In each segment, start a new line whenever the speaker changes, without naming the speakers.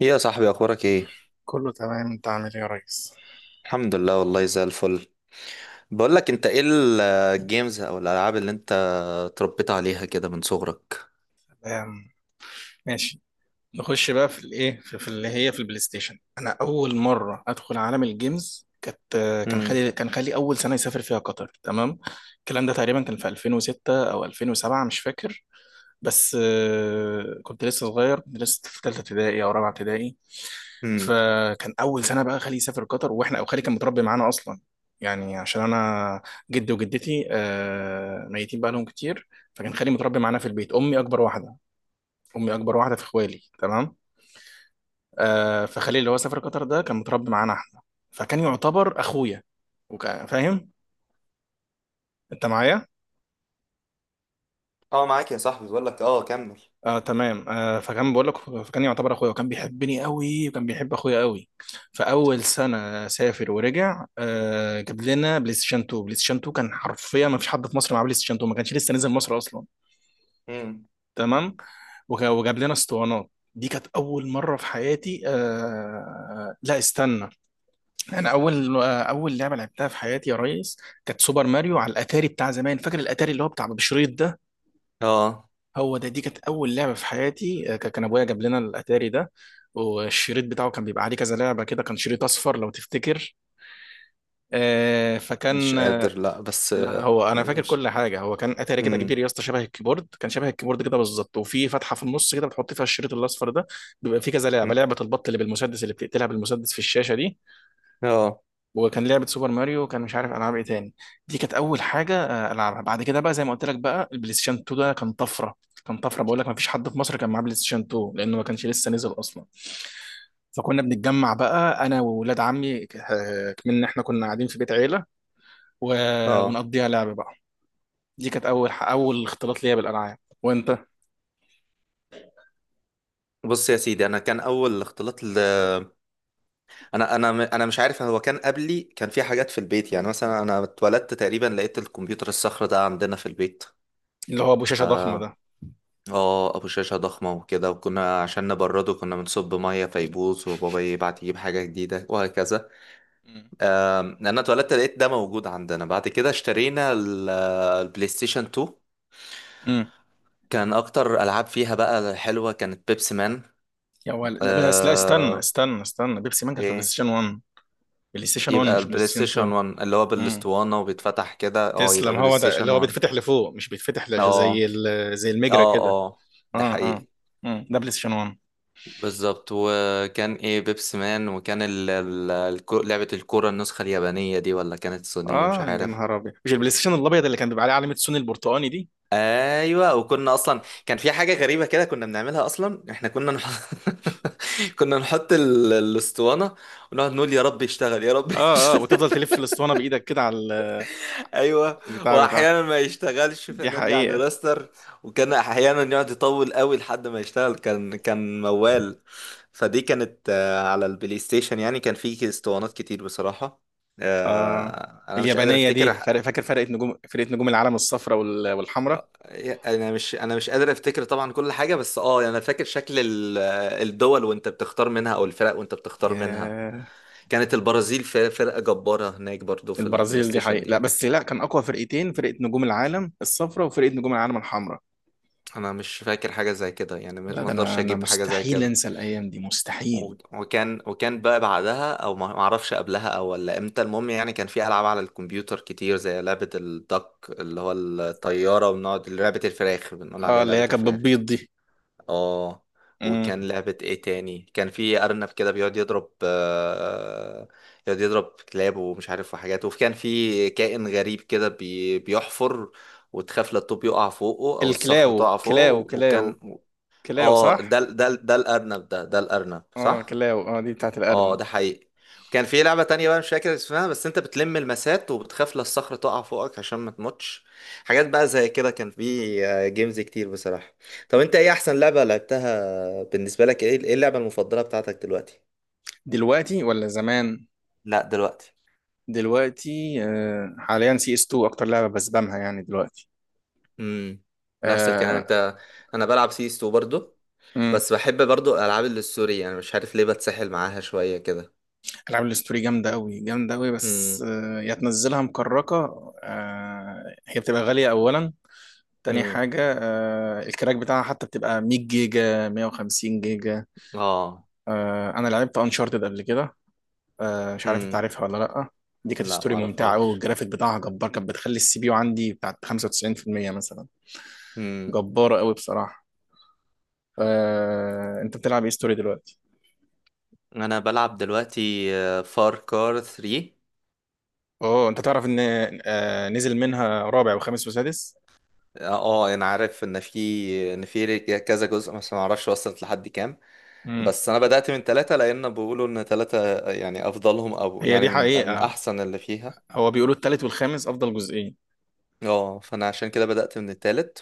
ايه يا صاحبي؟ اخبارك ايه؟
كله تمام، انت عامل ايه يا ريس؟
الحمد لله، والله زي الفل. بقول لك انت، ايه الجيمز او الالعاب اللي انت اتربيت عليها كده من صغرك؟
تمام. ماشي. نخش بقى في الايه في اللي هي في البلاي ستيشن. انا اول مره ادخل عالم الجيمز كانت كان
امم.
خالي كان خالي اول سنه يسافر فيها قطر. تمام. الكلام ده تقريبا كان في 2006 او 2007، مش فاكر. بس آه، كنت لسه صغير، كنت لسه في ثالثه ابتدائي او رابعه ابتدائي.
امم.
فكان اول سنه بقى خالي يسافر قطر واحنا، او خالي كان متربي معانا اصلا. يعني عشان انا جدي وجدتي آه، ميتين بقى لهم كتير. فكان خالي متربي معانا في البيت. امي اكبر واحده في اخوالي. تمام. آه، فخالي اللي هو سافر قطر ده كان متربي معانا احنا. فكان يعتبر اخويا وكان فاهم. انت معايا؟
اه، معاك يا صاحبي. بقول لك كمل.
آه تمام. آه، فكان بقول لك فكان يعتبر اخويا وكان بيحبني قوي وكان بيحب اخويا قوي. فاول سنه سافر ورجع آه، جاب لنا بلاي ستيشن 2. بلاي ستيشن 2 كان حرفيا ما فيش حد في مصر معاه بلاي ستيشن 2، ما كانش لسه نزل مصر اصلا.
امم.
تمام. وجاب لنا اسطوانات. دي كانت اول مره في حياتي. آه لا استنى. انا اول لعبه لعبتها في حياتي يا ريس كانت سوبر ماريو على الاتاري بتاع زمان. فاكر الاتاري اللي هو بتاع بشريط ده؟
اه،
هو ده. دي كانت اول لعبه في حياتي. كان ابويا جاب لنا الاتاري ده. والشريط بتاعه كان بيبقى عليه كذا لعبه كده، كان شريط اصفر لو تفتكر. آه،
مش
فكان آه،
قادر. لا بس،
لا هو انا فاكر
مش.
كل حاجه. هو كان اتاري كده كبير
امم.
يا اسطى، شبه الكيبورد، كان شبه الكيبورد كده بالظبط، وفي فتحه في النص كده بتحط فيها الشريط الاصفر ده. بيبقى فيه كذا لعبه، لعبه البط اللي بالمسدس اللي بتقتلها بالمسدس في الشاشه دي.
اه.
وكان لعبة سوبر ماريو، وكان مش عارف ألعاب إيه تاني. دي كانت أول حاجة آه، ألعبها. بعد كده بقى، زي ما قلت لك، بقى البلاي ستيشن 2 ده كان طفرة. كان طفرة، بقول لك ما فيش حد في مصر كان معاه بلاي ستيشن 2 لأنه ما كانش لسه نزل أصلا. فكنا بنتجمع بقى أنا وولاد عمي آه، من إحنا كنا قاعدين في بيت عيلة. و...
اه.
ونقضيها لعب بقى. دي كانت أول اختلاط ليا بالألعاب. وأنت؟
بص يا سيدي، انا كان اول اختلاط. انا مش عارف. هو كان قبلي، كان في حاجات في البيت. يعني مثلا انا اتولدت تقريبا لقيت الكمبيوتر الصخر ده عندنا في البيت.
اللي هو أبو شاشة ضخمة
آه،
ده.
اه، ابو شاشه ضخمه وكده. وكنا عشان نبرده كنا بنصب ميه فيبوظ، وبابا يبعت يجيب حاجه جديده، وهكذا.
مم.
انا اتولدت لقيت ده موجود عندنا. بعد كده اشترينا البلاي ستيشن 2.
مم.
كان اكتر العاب فيها بقى حلوه كانت بيبسي مان.
يا ولد لا، بس لا استنى
آه.
استنى استنى، بيبسي مان كان في بلاي
ايه؟
ستيشن 1. بلاي ستيشن 1
يبقى
مش بلاي
البلاي
ستيشن
ستيشن 1 اللي هو
2.
بالاسطوانه وبيتفتح كده، اه، يبقى
تسلم،
بلاي
هو ده اللي
ستيشن
هو
1.
بيتفتح لفوق، مش بيتفتح لش- زي
اه.
زي المجرة
اه.
كده.
اه.
اه
ده
اه.
حقيقي.
مم. ده بلاي ستيشن 1.
بالظبط. وكان ايه، بيبس مان. وكان لعبة الكورة، النسخة اليابانية دي، ولا كانت الصينية؟ مش
اه يا
عارف.
نهار ابيض، مش البلاي ستيشن الابيض اللي كان بيبقى عليه علامة سوني البرتقاني دي.
ايوه. وكنا اصلا كان في حاجة غريبة كده كنا بنعملها. اصلا احنا كنا نحط كنا نحط الاسطوانة، ونقعد نقول يا رب يشتغل، يا رب
اه اه،
يشتغل.
وتفضل تلف الاسطوانة بايدك كده على
ايوه.
البتاع بتاع.
واحيانا ما يشتغلش
دي
فنرجع
حقيقة.
نراستر. وكان احيانا يقعد يطول قوي لحد ما يشتغل، كان موال. فدي كانت، على البلاي ستيشن، يعني كان في اسطوانات كتير بصراحة.
اه،
انا مش قادر
اليابانية
افتكر
دي فرق.
ح-
فاكر فرقة نجوم العالم الصفراء والحمراء.
انا مش قادر افتكر طبعا كل حاجة. بس يعني انا فاكر شكل الدول وانت بتختار منها، او الفرق وانت بتختار منها.
ياه.
كانت البرازيل فرقة جبارة هناك برضو في البلاي
البرازيل دي
ستيشن
حقيقة، لا
دي.
بس لا، كان اقوى فرقتين فرقة نجوم العالم الصفراء وفرقة نجوم العالم الحمراء.
انا مش فاكر حاجه زي كده. يعني ما
لا
ما
ده
اقدرش
انا
اجيب حاجه زي
مستحيل
كده.
انسى الايام دي
و-
مستحيل.
وكان بقى بعدها، او ما اعرفش قبلها، او ولا امتى. المهم يعني كان في العاب على الكمبيوتر كتير، زي لعبه الدك اللي هو الطياره. وبنقعد لعبه الفراخ، بنقول
اه،
عليها
اللي
لعبه
هي كانت
الفراخ.
بتبيض دي.
اه.
امم.
وكان لعبه ايه تاني، كان في ارنب كده بيقعد يضرب، يقعد يضرب كلاب ومش عارف وحاجات. وكان في كائن غريب كده بيحفر، وتخاف لا الطوب يقع فوقه او الصخره
الكلاو
تقع
كلاو
فوقه،
كلاو.
وكان.
كلاو
اه، ده
صح.
ده ده الارنب. ده الارنب
اه
صح.
كلاو، اه دي بتاعت
اه،
الارنب.
ده حقيقي. وكان في لعبة تانية بقى مش فاكر اسمها، بس انت بتلم المسات، وبتخاف لا الصخرة تقع فوقك عشان ما تموتش. حاجات بقى زي كده. كان في جيمز كتير بصراحة. طب انت، ايه احسن لعبة لعبتها بالنسبة لك؟ ايه اللعبة المفضلة بتاعتك دلوقتي؟
دلوقتي ولا زمان؟
لا، دلوقتي.
دلوقتي. آه، حاليا سي اس 2 اكتر لعبه بسبامها يعني دلوقتي.
امم. نفس الكلام
آه.
انت. انا بلعب سيستو برضو.
امم.
بس بحب برضو الالعاب اللي السوري، يعني مش عارف ليه بتسحل معاها شوية كده.
العاب الاستوري جامده قوي جامده قوي، بس
امم.
آه يا تنزلها مكركه، آه هي بتبقى غاليه اولا. تاني
امم.
حاجه آه، الكراك بتاعها حتى بتبقى 100 جيجا 150 جيجا.
اه.
آه، انا لعبت انشارتد قبل كده. آه، مش عارف انت عارفها ولا لا. دي كانت
لا،
ستوري ممتعه قوي،
معرفهاش.
والجرافيك بتاعها جبار. كانت بتخلي السي بي يو عندي بتاعت 95% مثلا.
امم.
جباره قوي بصراحه. آه، انت بتلعب ايه ستوري دلوقتي؟
انا بلعب دلوقتي، فار كار 3.
اوه، انت تعرف ان آه، نزل منها رابع وخامس وسادس.
اه. انا عارف ان في كذا جزء، بس ما اعرفش وصلت لحد كام.
امم.
بس انا بدأت من ثلاثة، لان بيقولوا ان ثلاثة يعني افضلهم، او
هي
يعني
دي
من
حقيقه.
احسن اللي فيها.
هو بيقولوا التالت والخامس افضل جزئين.
اه، فانا عشان كده بدأت من الثالث.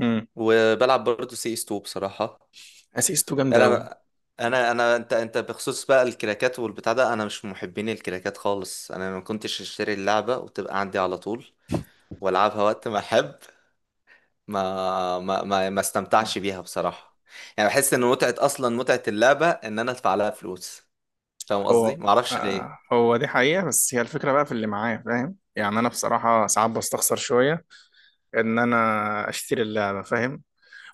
امم.
وبلعب برضه سي اس 2 بصراحة.
اسيس 2 جامده قوي.
انا انا انا انت انت بخصوص بقى الكراكات والبتاع ده، انا مش من محبين الكراكات خالص. انا ما كنتش اشتري اللعبة وتبقى عندي على طول والعبها وقت ما احب. ما استمتعش بيها بصراحة. يعني بحس ان متعة، اصلا متعة اللعبة، ان انا ادفع لها فلوس. فاهم قصدي؟
هو
ما اعرفش ليه.
آه، هو دي حقيقه، بس هي الفكره بقى في اللي معايا فاهم. يعني انا بصراحه ساعات بستخسر شويه ان انا اشتري اللعبه، فاهم.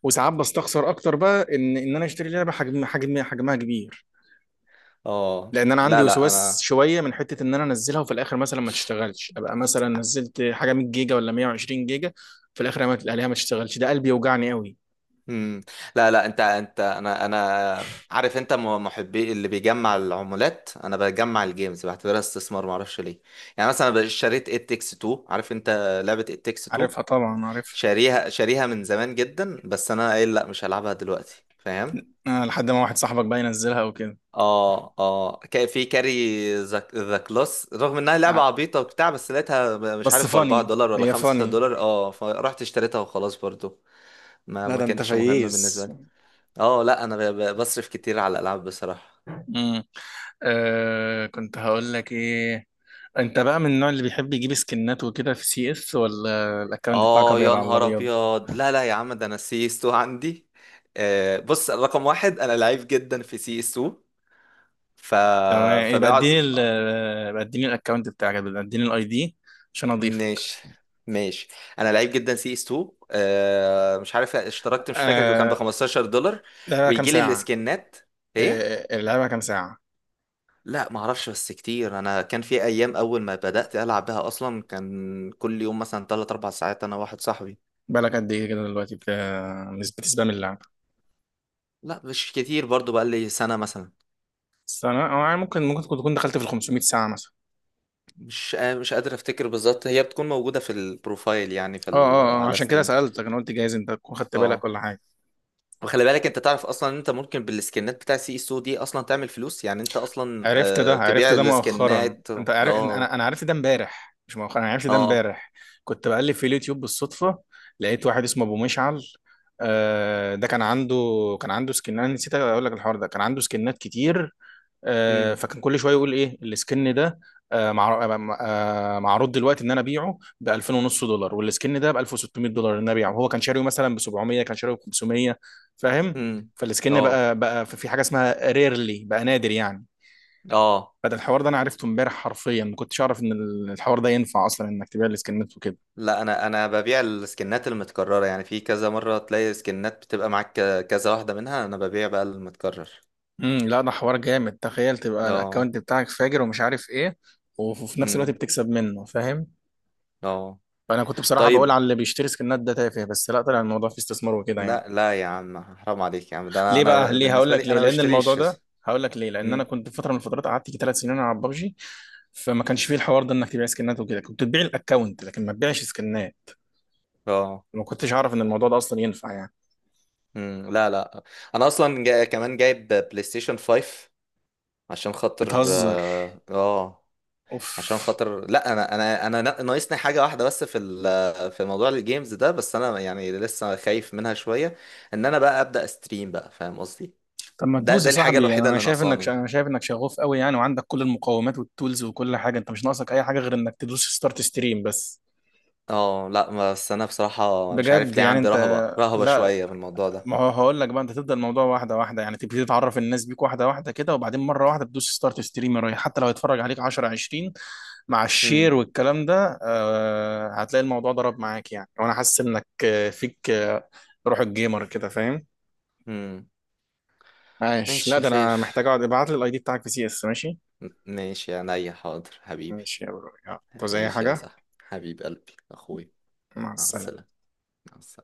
وساعات بستخسر اكتر بقى ان انا اشتري لعبه حجمها كبير.
اه.
لان انا عندي
لا، لا،
وسواس
انا.
شويه من حته ان انا انزلها وفي الاخر مثلا ما تشتغلش، ابقى مثلا نزلت حاجه 100 جيجا ولا 120 جيجا، في الاخر ما الاقيها ما تشتغلش، ده قلبي يوجعني قوي.
مم. لا، لا، انت انا عارف انت محبي اللي بيجمع العمولات. انا بجمع الجيمز، بعتبرها استثمار، ما اعرفش ليه. يعني مثلا أنا اشتريت ات تكس 2، عارف انت لعبة ات تكس 2؟
عارفها طبعا عارفها.
شاريها، شاريها من زمان جدا، بس انا قايل لا، مش هلعبها دلوقتي. فاهم؟
آه، لحد ما واحد صاحبك بقى ينزلها وكده.
اه، اه. كان في كاري ذا كلاس. رغم انها لعبه
ع-
عبيطه وبتاع، بس لقيتها، مش
بس
عارف، ب 4
فاني،
دولار ولا
هي
5
فاني.
دولار اه، فرحت اشتريتها وخلاص برضو. ما
لا
ما
ده انت
كانتش مهمه بالنسبه
فييز.
لي. اه، لا، انا بصرف كتير على الالعاب بصراحه.
امم. آه، كنت هقول لك ايه. انت بقى من النوع اللي بيحب يجيب سكنات وكده في سي اس، ولا الاكونت بتاعك
اه
ابيض
يا
على
نهار
الابيض؟
ابيض! لا، لا يا عم، ده انا سي اس 2 عندي. بص، رقم واحد، انا لعيب جدا في سي اس 2. ف
تمام،
فبقعد
يبقى اديني الاكونت بتاعك، يبقى اديني الاي دي عشان اضيفك.
ماشي. ماشي. انا لعيب جدا سي اس 2. مش عارف اشتركت، مش فاكر كان ب
آه،
$15،
لعبها كام
ويجي لي
ساعة؟
السكنات. ايه؟
آه، لعبها كام ساعة؟
لا، ما اعرفش، بس كتير. انا كان في ايام اول ما بدأت العب بها، اصلا كان كل يوم مثلا 3 4 ساعات انا واحد صاحبي.
بالك قد ايه كده دلوقتي بتسبام اللعبة؟
لا مش كتير برضو، بقى لي سنة مثلا.
سنة أو يعني ممكن ممكن تكون دخلت في ال 500 ساعة مثلا.
مش قادر افتكر بالظبط. هي بتكون موجودة في البروفايل، يعني في
اه اه اه،
على
عشان كده
ستيم.
سألتك، انا قلت جايز انت تكون خدت بالك
اه.
ولا حاجة.
وخلي بالك، انت تعرف اصلا ان انت ممكن بالسكنات بتاع سي اس او دي اصلا تعمل فلوس. يعني انت اصلا
عرفت ده عرفت
تبيع
ده مؤخرا.
السكنات.
انت عارف إن انا،
اه.
انا عرفت ده امبارح، مش مؤخرا، انا عرفت ده
اه.
امبارح. كنت بقلب في اليوتيوب بالصدفه، لقيت واحد اسمه ابو مشعل. آه، ده كان عنده، كان عنده سكن، انا نسيت اقول لك الحوار ده، كان عنده سكنات كتير. آه،
امم.
فكان كل شويه يقول ايه السكن ده. معروض دلوقتي ان انا ابيعه ب 2000 ونص دولار، والسكن ده ب $1600 ان انا ابيعه، هو كان شاريه مثلا ب 700، كان شاريه ب 500. فاهم؟
امم.
فالسكن
اه.
بقى في حاجه اسمها ريرلي بقى، نادر يعني.
اه.
فده الحوار ده انا عرفته امبارح حرفيا، ما كنتش اعرف ان الحوار ده ينفع اصلا انك تبيع السكنات وكده.
لا، انا ببيع السكنات المتكرره، يعني في كذا مره تلاقي سكنات بتبقى معاك كذا واحده منها، انا ببيع بقى المتكرر.
امم. لا ده حوار جامد، تخيل تبقى
اه.
الاكونت بتاعك فاجر ومش عارف ايه، وفي نفس الوقت
امم.
بتكسب منه، فاهم.
اه.
فانا كنت بصراحه بقول
طيب.
على اللي بيشتري سكنات ده تافه، بس لا، طلع الموضوع فيه استثمار وكده يعني.
لا، لا يا عم، حرام عليك يا عم. ده انا
ليه
انا
بقى؟ ليه؟ هقول
بالنسبه
لك
لي،
ليه،
انا ما
لان الموضوع
بشتريش.
ده هقول لك ليه، لان انا
امم.
كنت في فتره من الفترات قعدت يجي ثلاث سنين على ببجي. فما كانش فيه الحوار ده انك تبيع سكنات وكده، كنت تبيع الاكونت لكن ما تبيعش سكنات.
اه.
ما كنتش اعرف ان الموضوع ده اصلا ينفع يعني.
مم، لا، لا، انا اصلا كمان جايب بلاي ستيشن 5، عشان خاطر
بتهزر؟
اه،
اوف.
عشان خاطر لا، ناقصني حاجه واحده بس، في موضوع الجيمز ده، بس انا يعني لسه خايف منها شويه. ان انا بقى ابدا استريم بقى، فاهم قصدي؟
طب ما
ده
تدوس
ده
يا
الحاجه
صاحبي،
الوحيده
انا
اللي
شايف انك
ناقصاني.
انا شايف انك شغوف قوي يعني، وعندك كل المقومات والتولز وكل حاجه، انت مش ناقصك اي حاجه غير انك تدوس ستارت ستريم بس.
اه، لا، بس انا بصراحه مش عارف
بجد
ليه
يعني
عندي
انت.
رهبه، رهبه
لا.
شويه في الموضوع ده.
ما هو هقول لك بقى، انت تبدا الموضوع واحده واحده، يعني تبتدي تعرف الناس بيك واحده واحده كده، وبعدين مره واحده تدوس ستارت ستريم رايح، حتى لو هيتفرج عليك 10 20 مع الشير
امم.
والكلام ده، آه هتلاقي الموضوع ضرب معاك يعني. وانا حاسس انك آه، فيك آه، روح الجيمر كده فاهم.
امم.
عايش. لا
ماشي
ده
خير.
انا محتاج اقعد. ابعت لي الاي دي بتاعك في سي اس. ماشي.
ماشي يا عينيا، حاضر حبيبي.
ماشي يا برو، يلا طب زي
ماشي يا
حاجة.
صاحبي، حبيب قلبي، اخوي.
مع
مع
السلامة.
السلامة. مع السلامة.